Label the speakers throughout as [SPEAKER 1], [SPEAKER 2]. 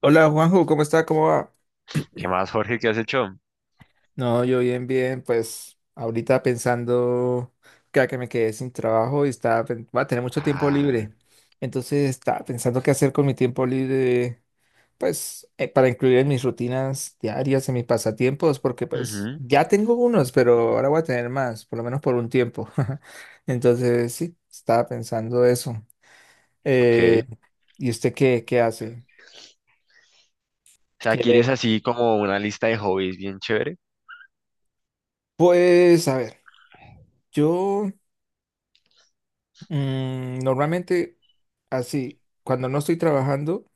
[SPEAKER 1] Hola Juanjo, ¿cómo está? ¿Cómo va?
[SPEAKER 2] ¿Qué más, Jorge? ¿Qué has hecho?
[SPEAKER 1] No, yo bien, pues ahorita pensando que, a que me quedé sin trabajo y voy a tener mucho tiempo
[SPEAKER 2] Ah,
[SPEAKER 1] libre. Entonces estaba pensando qué hacer con mi tiempo libre, pues para incluir en mis rutinas diarias, en mis pasatiempos, porque pues
[SPEAKER 2] ujú,
[SPEAKER 1] ya tengo unos, pero ahora voy a tener más, por lo menos por un tiempo. Entonces sí, estaba pensando eso. Eh,
[SPEAKER 2] ok.
[SPEAKER 1] ¿Y usted qué hace?
[SPEAKER 2] O sea, ¿quieres
[SPEAKER 1] ¿Quiere?
[SPEAKER 2] así como una lista de hobbies bien chévere?
[SPEAKER 1] Pues a ver, yo... normalmente así, cuando no estoy trabajando,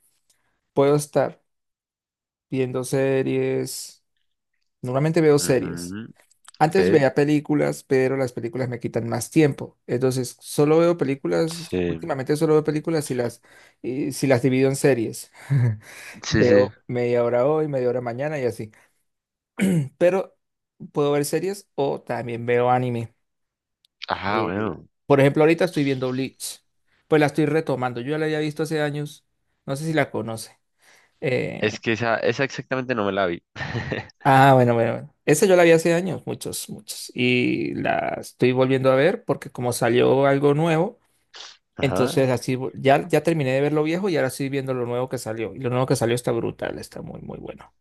[SPEAKER 1] puedo estar viendo series. Normalmente veo series.
[SPEAKER 2] Ujú, ok.
[SPEAKER 1] Antes veía películas, pero las películas me quitan más tiempo. Entonces, solo veo películas,
[SPEAKER 2] Sí,
[SPEAKER 1] últimamente solo veo películas y si las divido en series.
[SPEAKER 2] sí, sí.
[SPEAKER 1] Veo media hora hoy, media hora mañana y así. Pero puedo ver series o también veo anime.
[SPEAKER 2] Ajá, bueno.
[SPEAKER 1] Por ejemplo, ahorita estoy viendo Bleach. Pues la estoy retomando. Yo ya la había visto hace años. No sé si la conoce.
[SPEAKER 2] Es
[SPEAKER 1] Eh,
[SPEAKER 2] que esa exactamente no me la vi.
[SPEAKER 1] ah, bueno. Esa yo la vi hace años, muchos, muchos. Y la estoy volviendo a ver porque como salió algo nuevo,
[SPEAKER 2] Ajá.
[SPEAKER 1] entonces ya terminé de ver lo viejo y ahora estoy viendo lo nuevo que salió. Y lo nuevo que salió está brutal, está muy, muy bueno.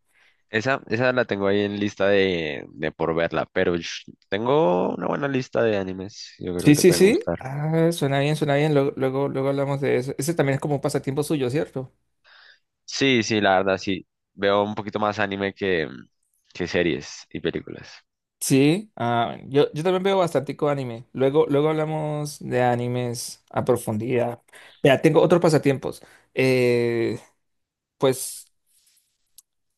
[SPEAKER 2] Esa la tengo ahí en lista de por verla, pero tengo una buena lista de animes. Yo creo
[SPEAKER 1] Sí,
[SPEAKER 2] que te
[SPEAKER 1] sí,
[SPEAKER 2] pueden
[SPEAKER 1] sí.
[SPEAKER 2] gustar.
[SPEAKER 1] Ah, suena bien, suena bien. Luego hablamos de eso. Ese también es como un pasatiempo suyo, ¿cierto?
[SPEAKER 2] Sí, sí, la verdad, sí. Veo un poquito más anime que series y películas.
[SPEAKER 1] Sí, ah, bueno, yo también veo bastante anime. Luego hablamos de animes a profundidad. Vea, tengo otros pasatiempos. Eh, pues,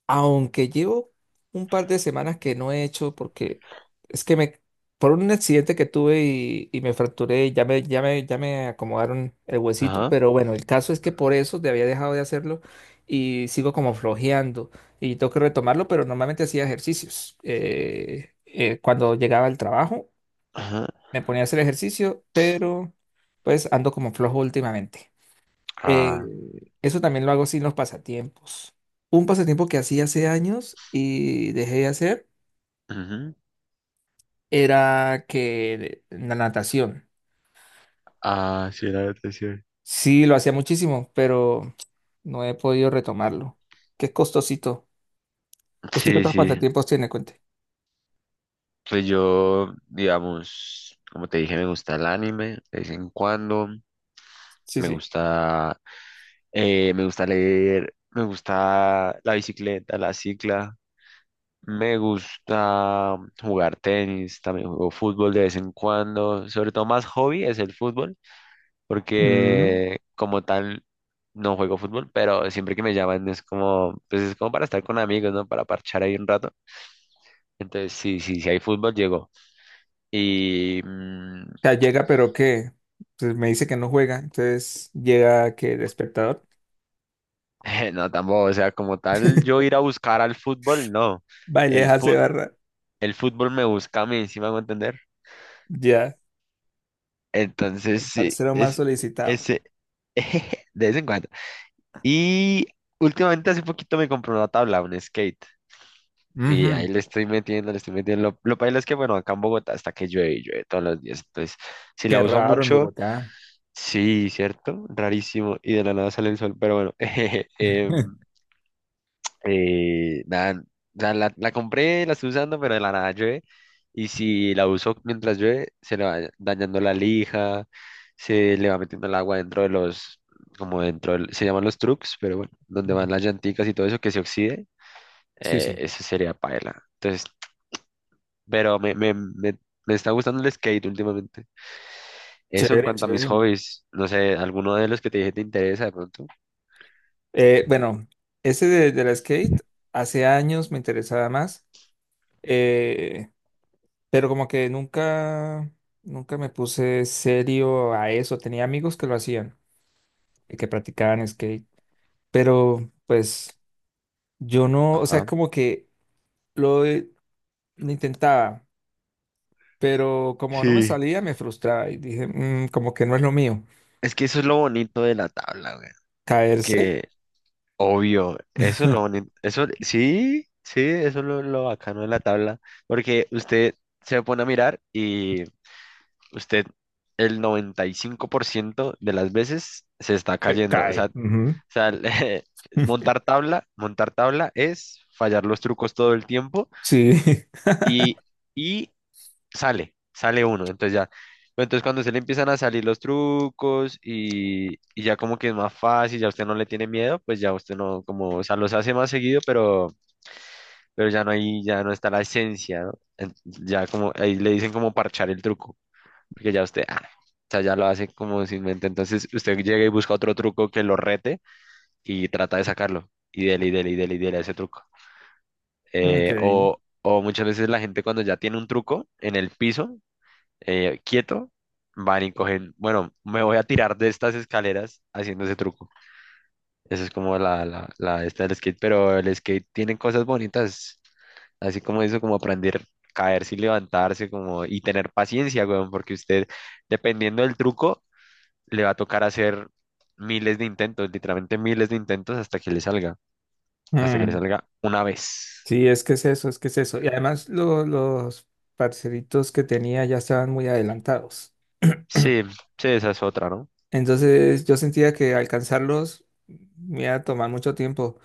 [SPEAKER 1] aunque llevo un par de semanas que no he hecho, porque es que me, por un accidente que tuve y me fracturé, y ya me acomodaron el huesito,
[SPEAKER 2] Ajá,
[SPEAKER 1] pero bueno, el caso es que por eso te había dejado de hacerlo y sigo como flojeando y tengo que retomarlo, pero normalmente hacía ejercicios cuando llegaba al trabajo
[SPEAKER 2] ajá.
[SPEAKER 1] me ponía a hacer ejercicio, pero pues ando como flojo últimamente. Eh,
[SPEAKER 2] Ah,
[SPEAKER 1] Eso también lo hago sin los pasatiempos. Un pasatiempo que hacía hace años y dejé de hacer
[SPEAKER 2] ujú.
[SPEAKER 1] era que la natación.
[SPEAKER 2] Ah, sí, la depresión.
[SPEAKER 1] Sí, lo hacía muchísimo, pero no he podido retomarlo. Qué costosito. ¿Usted qué
[SPEAKER 2] Sí,
[SPEAKER 1] otros
[SPEAKER 2] sí,
[SPEAKER 1] pasatiempos tiene? Cuente.
[SPEAKER 2] pues yo, digamos, como te dije, me gusta el anime de vez en cuando,
[SPEAKER 1] Sí,
[SPEAKER 2] me
[SPEAKER 1] sí.
[SPEAKER 2] gusta, me gusta leer, me gusta la bicicleta, la cicla, me gusta jugar tenis, también juego fútbol de vez en cuando, sobre todo más hobby es el fútbol,
[SPEAKER 1] Mm. O
[SPEAKER 2] porque como tal no juego fútbol, pero siempre que me llaman es como, pues es como para estar con amigos, ¿no? Para parchar ahí un rato. Entonces, sí, sí, sí hay fútbol, llegó. Y mm,
[SPEAKER 1] sea, llega, pero que me dice que no juega, entonces llega que de espectador.
[SPEAKER 2] no, tampoco, o sea, como tal, yo ir a buscar al fútbol, no.
[SPEAKER 1] Baile,
[SPEAKER 2] El
[SPEAKER 1] hace
[SPEAKER 2] fut,
[SPEAKER 1] barra.
[SPEAKER 2] el fútbol me busca a mí, ¿sí me hago entender?
[SPEAKER 1] Ya.
[SPEAKER 2] Entonces, sí,
[SPEAKER 1] Parcero más
[SPEAKER 2] es
[SPEAKER 1] solicitado.
[SPEAKER 2] ese, de vez en cuando. Y últimamente, hace poquito me compré una tabla, un skate. Y
[SPEAKER 1] Ujú.
[SPEAKER 2] ahí le estoy metiendo, le estoy metiendo. Lo paila es que, bueno, acá en Bogotá hasta que llueve, y llueve todos los días. Entonces, si la
[SPEAKER 1] Qué
[SPEAKER 2] uso
[SPEAKER 1] raro en
[SPEAKER 2] mucho,
[SPEAKER 1] Bogotá.
[SPEAKER 2] sí, ¿cierto? Rarísimo. Y de la nada sale el sol, pero bueno. em, Nada, o sea, la compré, la estoy usando, pero de la nada llueve. Y si la uso mientras llueve, se le va dañando la lija, se le va metiendo el agua dentro de los, como dentro, se llaman los trucks, pero bueno, donde van las llanticas y todo eso que se oxide,
[SPEAKER 1] Sí, sí.
[SPEAKER 2] eso sería paela. Entonces, pero me está gustando el skate últimamente. Eso en
[SPEAKER 1] Chévere,
[SPEAKER 2] cuanto a mis
[SPEAKER 1] chévere.
[SPEAKER 2] hobbies, no sé, alguno de los que te dije te interesa de pronto.
[SPEAKER 1] Bueno, ese de la skate hace años me interesaba más, eh, pero como que nunca, nunca me puse serio a eso. Tenía amigos que lo hacían, y que practicaban skate, pero pues yo no, o sea,
[SPEAKER 2] Ajá.
[SPEAKER 1] como que lo, he- lo intentaba, pero como no me
[SPEAKER 2] Sí.
[SPEAKER 1] salía, me frustraba y dije, "Mm, como que no es lo mío.
[SPEAKER 2] Es que eso es lo bonito de la tabla, güey.
[SPEAKER 1] Caerse.
[SPEAKER 2] Que Obvio, eso es lo bonito, eso sí, sí, eso es lo bacano de la tabla, porque usted se pone a mirar y usted el 95% de las veces se está
[SPEAKER 1] Se
[SPEAKER 2] cayendo,
[SPEAKER 1] cae.
[SPEAKER 2] o
[SPEAKER 1] Ujú.
[SPEAKER 2] sea, montar tabla es fallar los trucos todo el tiempo
[SPEAKER 1] Sí.
[SPEAKER 2] y, y sale, sale uno, entonces ya. Pero entonces cuando se le empiezan a salir los trucos y ya como que es más fácil, ya usted no le tiene miedo, pues ya usted no, como, o sea, los hace más seguido, pero ya no hay, ya no está la esencia, ¿no? Ya como, ahí le dicen como parchar el truco, porque ya usted, ah, o sea, ya lo hace como sin mente, entonces usted llega y busca otro truco que lo rete y trata de sacarlo, y dele, y dele, y dele, y dele a ese truco.
[SPEAKER 1] Ok.
[SPEAKER 2] O muchas veces la gente cuando ya tiene un truco en el piso, quieto, van y cogen, bueno, me voy a tirar de estas escaleras haciendo ese truco. Esa es como la esta del skate, pero el skate tiene cosas bonitas, así como eso, como aprender a caerse y levantarse, como, y tener paciencia, weón, porque usted, dependiendo del truco, le va a tocar hacer miles de intentos, literalmente miles de intentos hasta que le salga, hasta que le
[SPEAKER 1] Mm.
[SPEAKER 2] salga una vez.
[SPEAKER 1] Sí, es que es eso, es que es eso. Y además los parcelitos que tenía ya estaban muy adelantados.
[SPEAKER 2] Sí, sí, esa es otra, ¿no?
[SPEAKER 1] Entonces yo sentía que alcanzarlos me iba a tomar mucho tiempo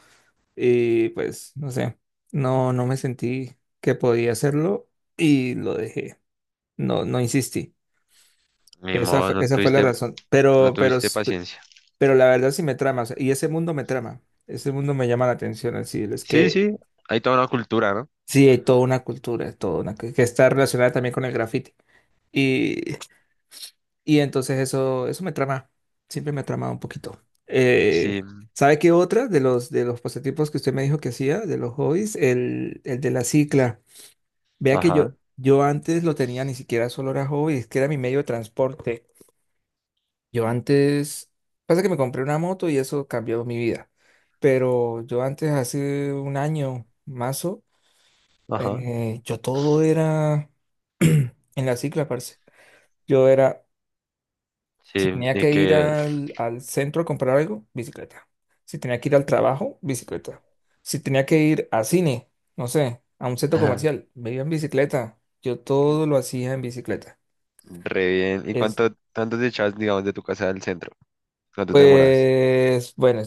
[SPEAKER 1] y pues no sé, no me sentí que podía hacerlo y lo dejé, no insistí.
[SPEAKER 2] Ni
[SPEAKER 1] Esa
[SPEAKER 2] modo,
[SPEAKER 1] fue,
[SPEAKER 2] no
[SPEAKER 1] esa fue la
[SPEAKER 2] tuviste,
[SPEAKER 1] razón,
[SPEAKER 2] no
[SPEAKER 1] pero,
[SPEAKER 2] tuviste paciencia.
[SPEAKER 1] pero la verdad sí me trama, o sea, y ese mundo me trama, ese mundo me llama la atención, así es
[SPEAKER 2] Sí,
[SPEAKER 1] que
[SPEAKER 2] sí, hay toda una cultura, ¿no?
[SPEAKER 1] sí hay toda una cultura, toda una que está relacionada también con el graffiti. Y, y entonces eso me trama, siempre me ha tramado un poquito. Eh,
[SPEAKER 2] Sí,
[SPEAKER 1] ¿Sabe qué otra de de los pasatiempos que usted me dijo que hacía, de los hobbies? El de la cicla. Vea que yo,
[SPEAKER 2] ajá,
[SPEAKER 1] yo antes lo tenía, ni siquiera solo era hobby, es que era mi medio de transporte. Yo antes, pasa que me compré una moto y eso cambió mi vida. Pero yo antes, hace un año, mazo,
[SPEAKER 2] ajá.
[SPEAKER 1] yo todo era en la cicla, parce. Yo era, si
[SPEAKER 2] Sí,
[SPEAKER 1] tenía
[SPEAKER 2] y
[SPEAKER 1] que ir
[SPEAKER 2] que
[SPEAKER 1] al centro a comprar algo, bicicleta. Si tenía que ir al trabajo, bicicleta. Si tenía que ir a cine, no sé, a un centro comercial, me iba en bicicleta. Yo todo lo hacía en bicicleta.
[SPEAKER 2] Re bien. ¿Y
[SPEAKER 1] Es,
[SPEAKER 2] cuánto, cuánto te echas, digamos, de tu casa al centro? ¿Cuánto te demoras?
[SPEAKER 1] pues, bueno,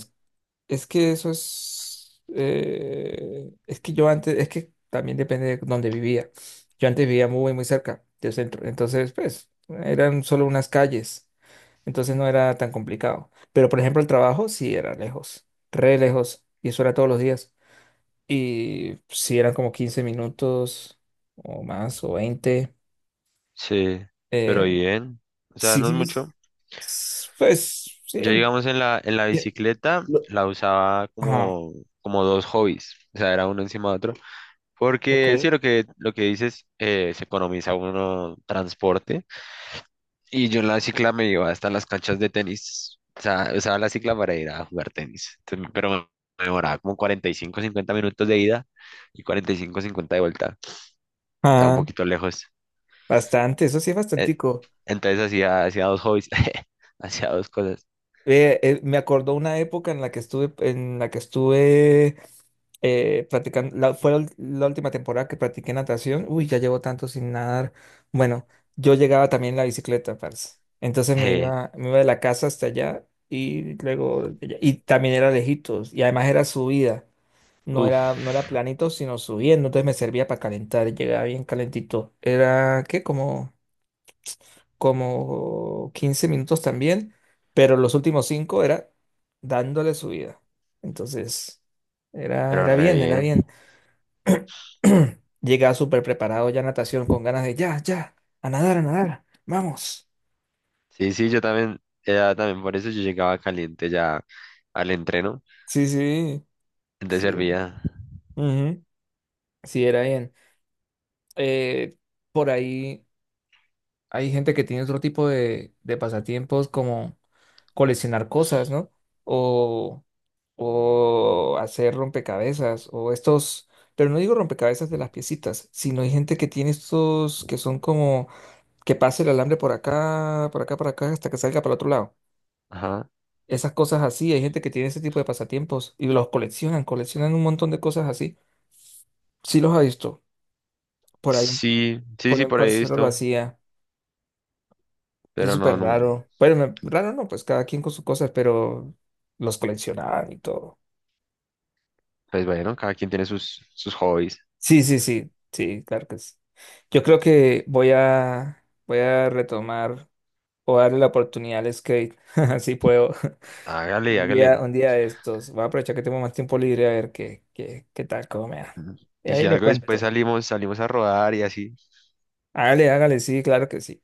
[SPEAKER 1] es que eso es que yo antes, es que también depende de dónde vivía. Yo antes vivía muy, muy cerca del centro, entonces, pues, eran solo unas calles, entonces no era tan complicado. Pero, por ejemplo, el trabajo sí era lejos, re lejos, y eso era todos los días. Y sí eran como 15 minutos o más, o 20.
[SPEAKER 2] Sí, pero
[SPEAKER 1] eh,
[SPEAKER 2] bien. O sea,
[SPEAKER 1] sí,
[SPEAKER 2] no es
[SPEAKER 1] sí,
[SPEAKER 2] mucho.
[SPEAKER 1] pues, sí.
[SPEAKER 2] Yo, digamos, en la
[SPEAKER 1] Sí,
[SPEAKER 2] bicicleta
[SPEAKER 1] lo-
[SPEAKER 2] la usaba
[SPEAKER 1] Ajá.
[SPEAKER 2] como, como dos hobbies. O sea, era uno encima de otro. Porque sí,
[SPEAKER 1] Ok.
[SPEAKER 2] lo que dices, se economiza uno transporte. Y yo en la cicla me iba hasta las canchas de tenis. O sea, usaba la cicla para ir a jugar tenis. Entonces, pero me demoraba como 45, 50 minutos de ida y 45, 50 de vuelta. Estaba un
[SPEAKER 1] Ah.
[SPEAKER 2] poquito lejos.
[SPEAKER 1] Bastante, eso sí es
[SPEAKER 2] Eh,
[SPEAKER 1] bastantico.
[SPEAKER 2] Entonces hacía, hacía dos hobbies, hacía dos cosas.
[SPEAKER 1] Me acordó una época en la que estuve, en la que estuve practicando, fue la última temporada que practiqué natación. Uy, ya llevo tanto sin nadar. Bueno, yo llegaba también en la bicicleta, parce. Entonces me
[SPEAKER 2] Eh,
[SPEAKER 1] iba, me iba de la casa hasta allá y luego, de allá- y también era lejitos. Y además era subida, no era
[SPEAKER 2] uf,
[SPEAKER 1] planito, sino subiendo. Entonces me servía para calentar, llegaba bien calentito. Era, ¿qué? Como 15 minutos también, pero los últimos 5 era dándole su vida. Entonces,
[SPEAKER 2] pero re
[SPEAKER 1] era
[SPEAKER 2] bien.
[SPEAKER 1] bien. Llegaba súper preparado ya a natación con ganas de a nadar, vamos.
[SPEAKER 2] Sí, sí, yo también, ya también por eso yo llegaba caliente ya al entreno.
[SPEAKER 1] Sí, sí,
[SPEAKER 2] Entonces
[SPEAKER 1] sí.
[SPEAKER 2] servía.
[SPEAKER 1] Ujú. Sí, era bien. Eh, por ahí hay gente que tiene otro tipo de pasatiempos como... coleccionar cosas, ¿no? O, o hacer rompecabezas, o estos, pero no digo rompecabezas de las piecitas, sino hay gente que tiene estos que son como que pase el alambre por acá, por acá, por acá, hasta que salga para el otro lado.
[SPEAKER 2] Ajá.
[SPEAKER 1] Esas cosas así, hay gente que tiene ese tipo de pasatiempos y los coleccionan, coleccionan un montón de cosas así. Sí los ha visto. Por ahí,
[SPEAKER 2] Sí, sí,
[SPEAKER 1] por ahí
[SPEAKER 2] sí,
[SPEAKER 1] un
[SPEAKER 2] por ahí he
[SPEAKER 1] parcero lo
[SPEAKER 2] visto.
[SPEAKER 1] hacía. Es
[SPEAKER 2] Pero no,
[SPEAKER 1] súper
[SPEAKER 2] no.
[SPEAKER 1] raro. Raro no, pues cada quien con sus cosas, pero los coleccionaban y todo.
[SPEAKER 2] Pues bueno, cada quien tiene sus, sus hobbies.
[SPEAKER 1] Sí, sí, sí, sí, claro que sí. Yo creo que voy a retomar o darle la oportunidad al skate, así puedo.
[SPEAKER 2] Hágale, hágale.
[SPEAKER 1] Un día de estos. Voy a aprovechar que tengo más tiempo libre a ver qué tal, cómo me da. Y
[SPEAKER 2] Y
[SPEAKER 1] ahí
[SPEAKER 2] si
[SPEAKER 1] le
[SPEAKER 2] algo después
[SPEAKER 1] cuento.
[SPEAKER 2] salimos, salimos a rodar y así.
[SPEAKER 1] Hágale, hágale, sí, claro que sí.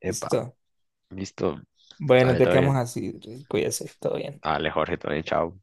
[SPEAKER 2] Epa,
[SPEAKER 1] Listo.
[SPEAKER 2] listo.
[SPEAKER 1] Bueno,
[SPEAKER 2] Dale,
[SPEAKER 1] te
[SPEAKER 2] todo
[SPEAKER 1] quedamos
[SPEAKER 2] bien.
[SPEAKER 1] así. Cuídese, todo bien.
[SPEAKER 2] Dale, Jorge, todo bien, chao.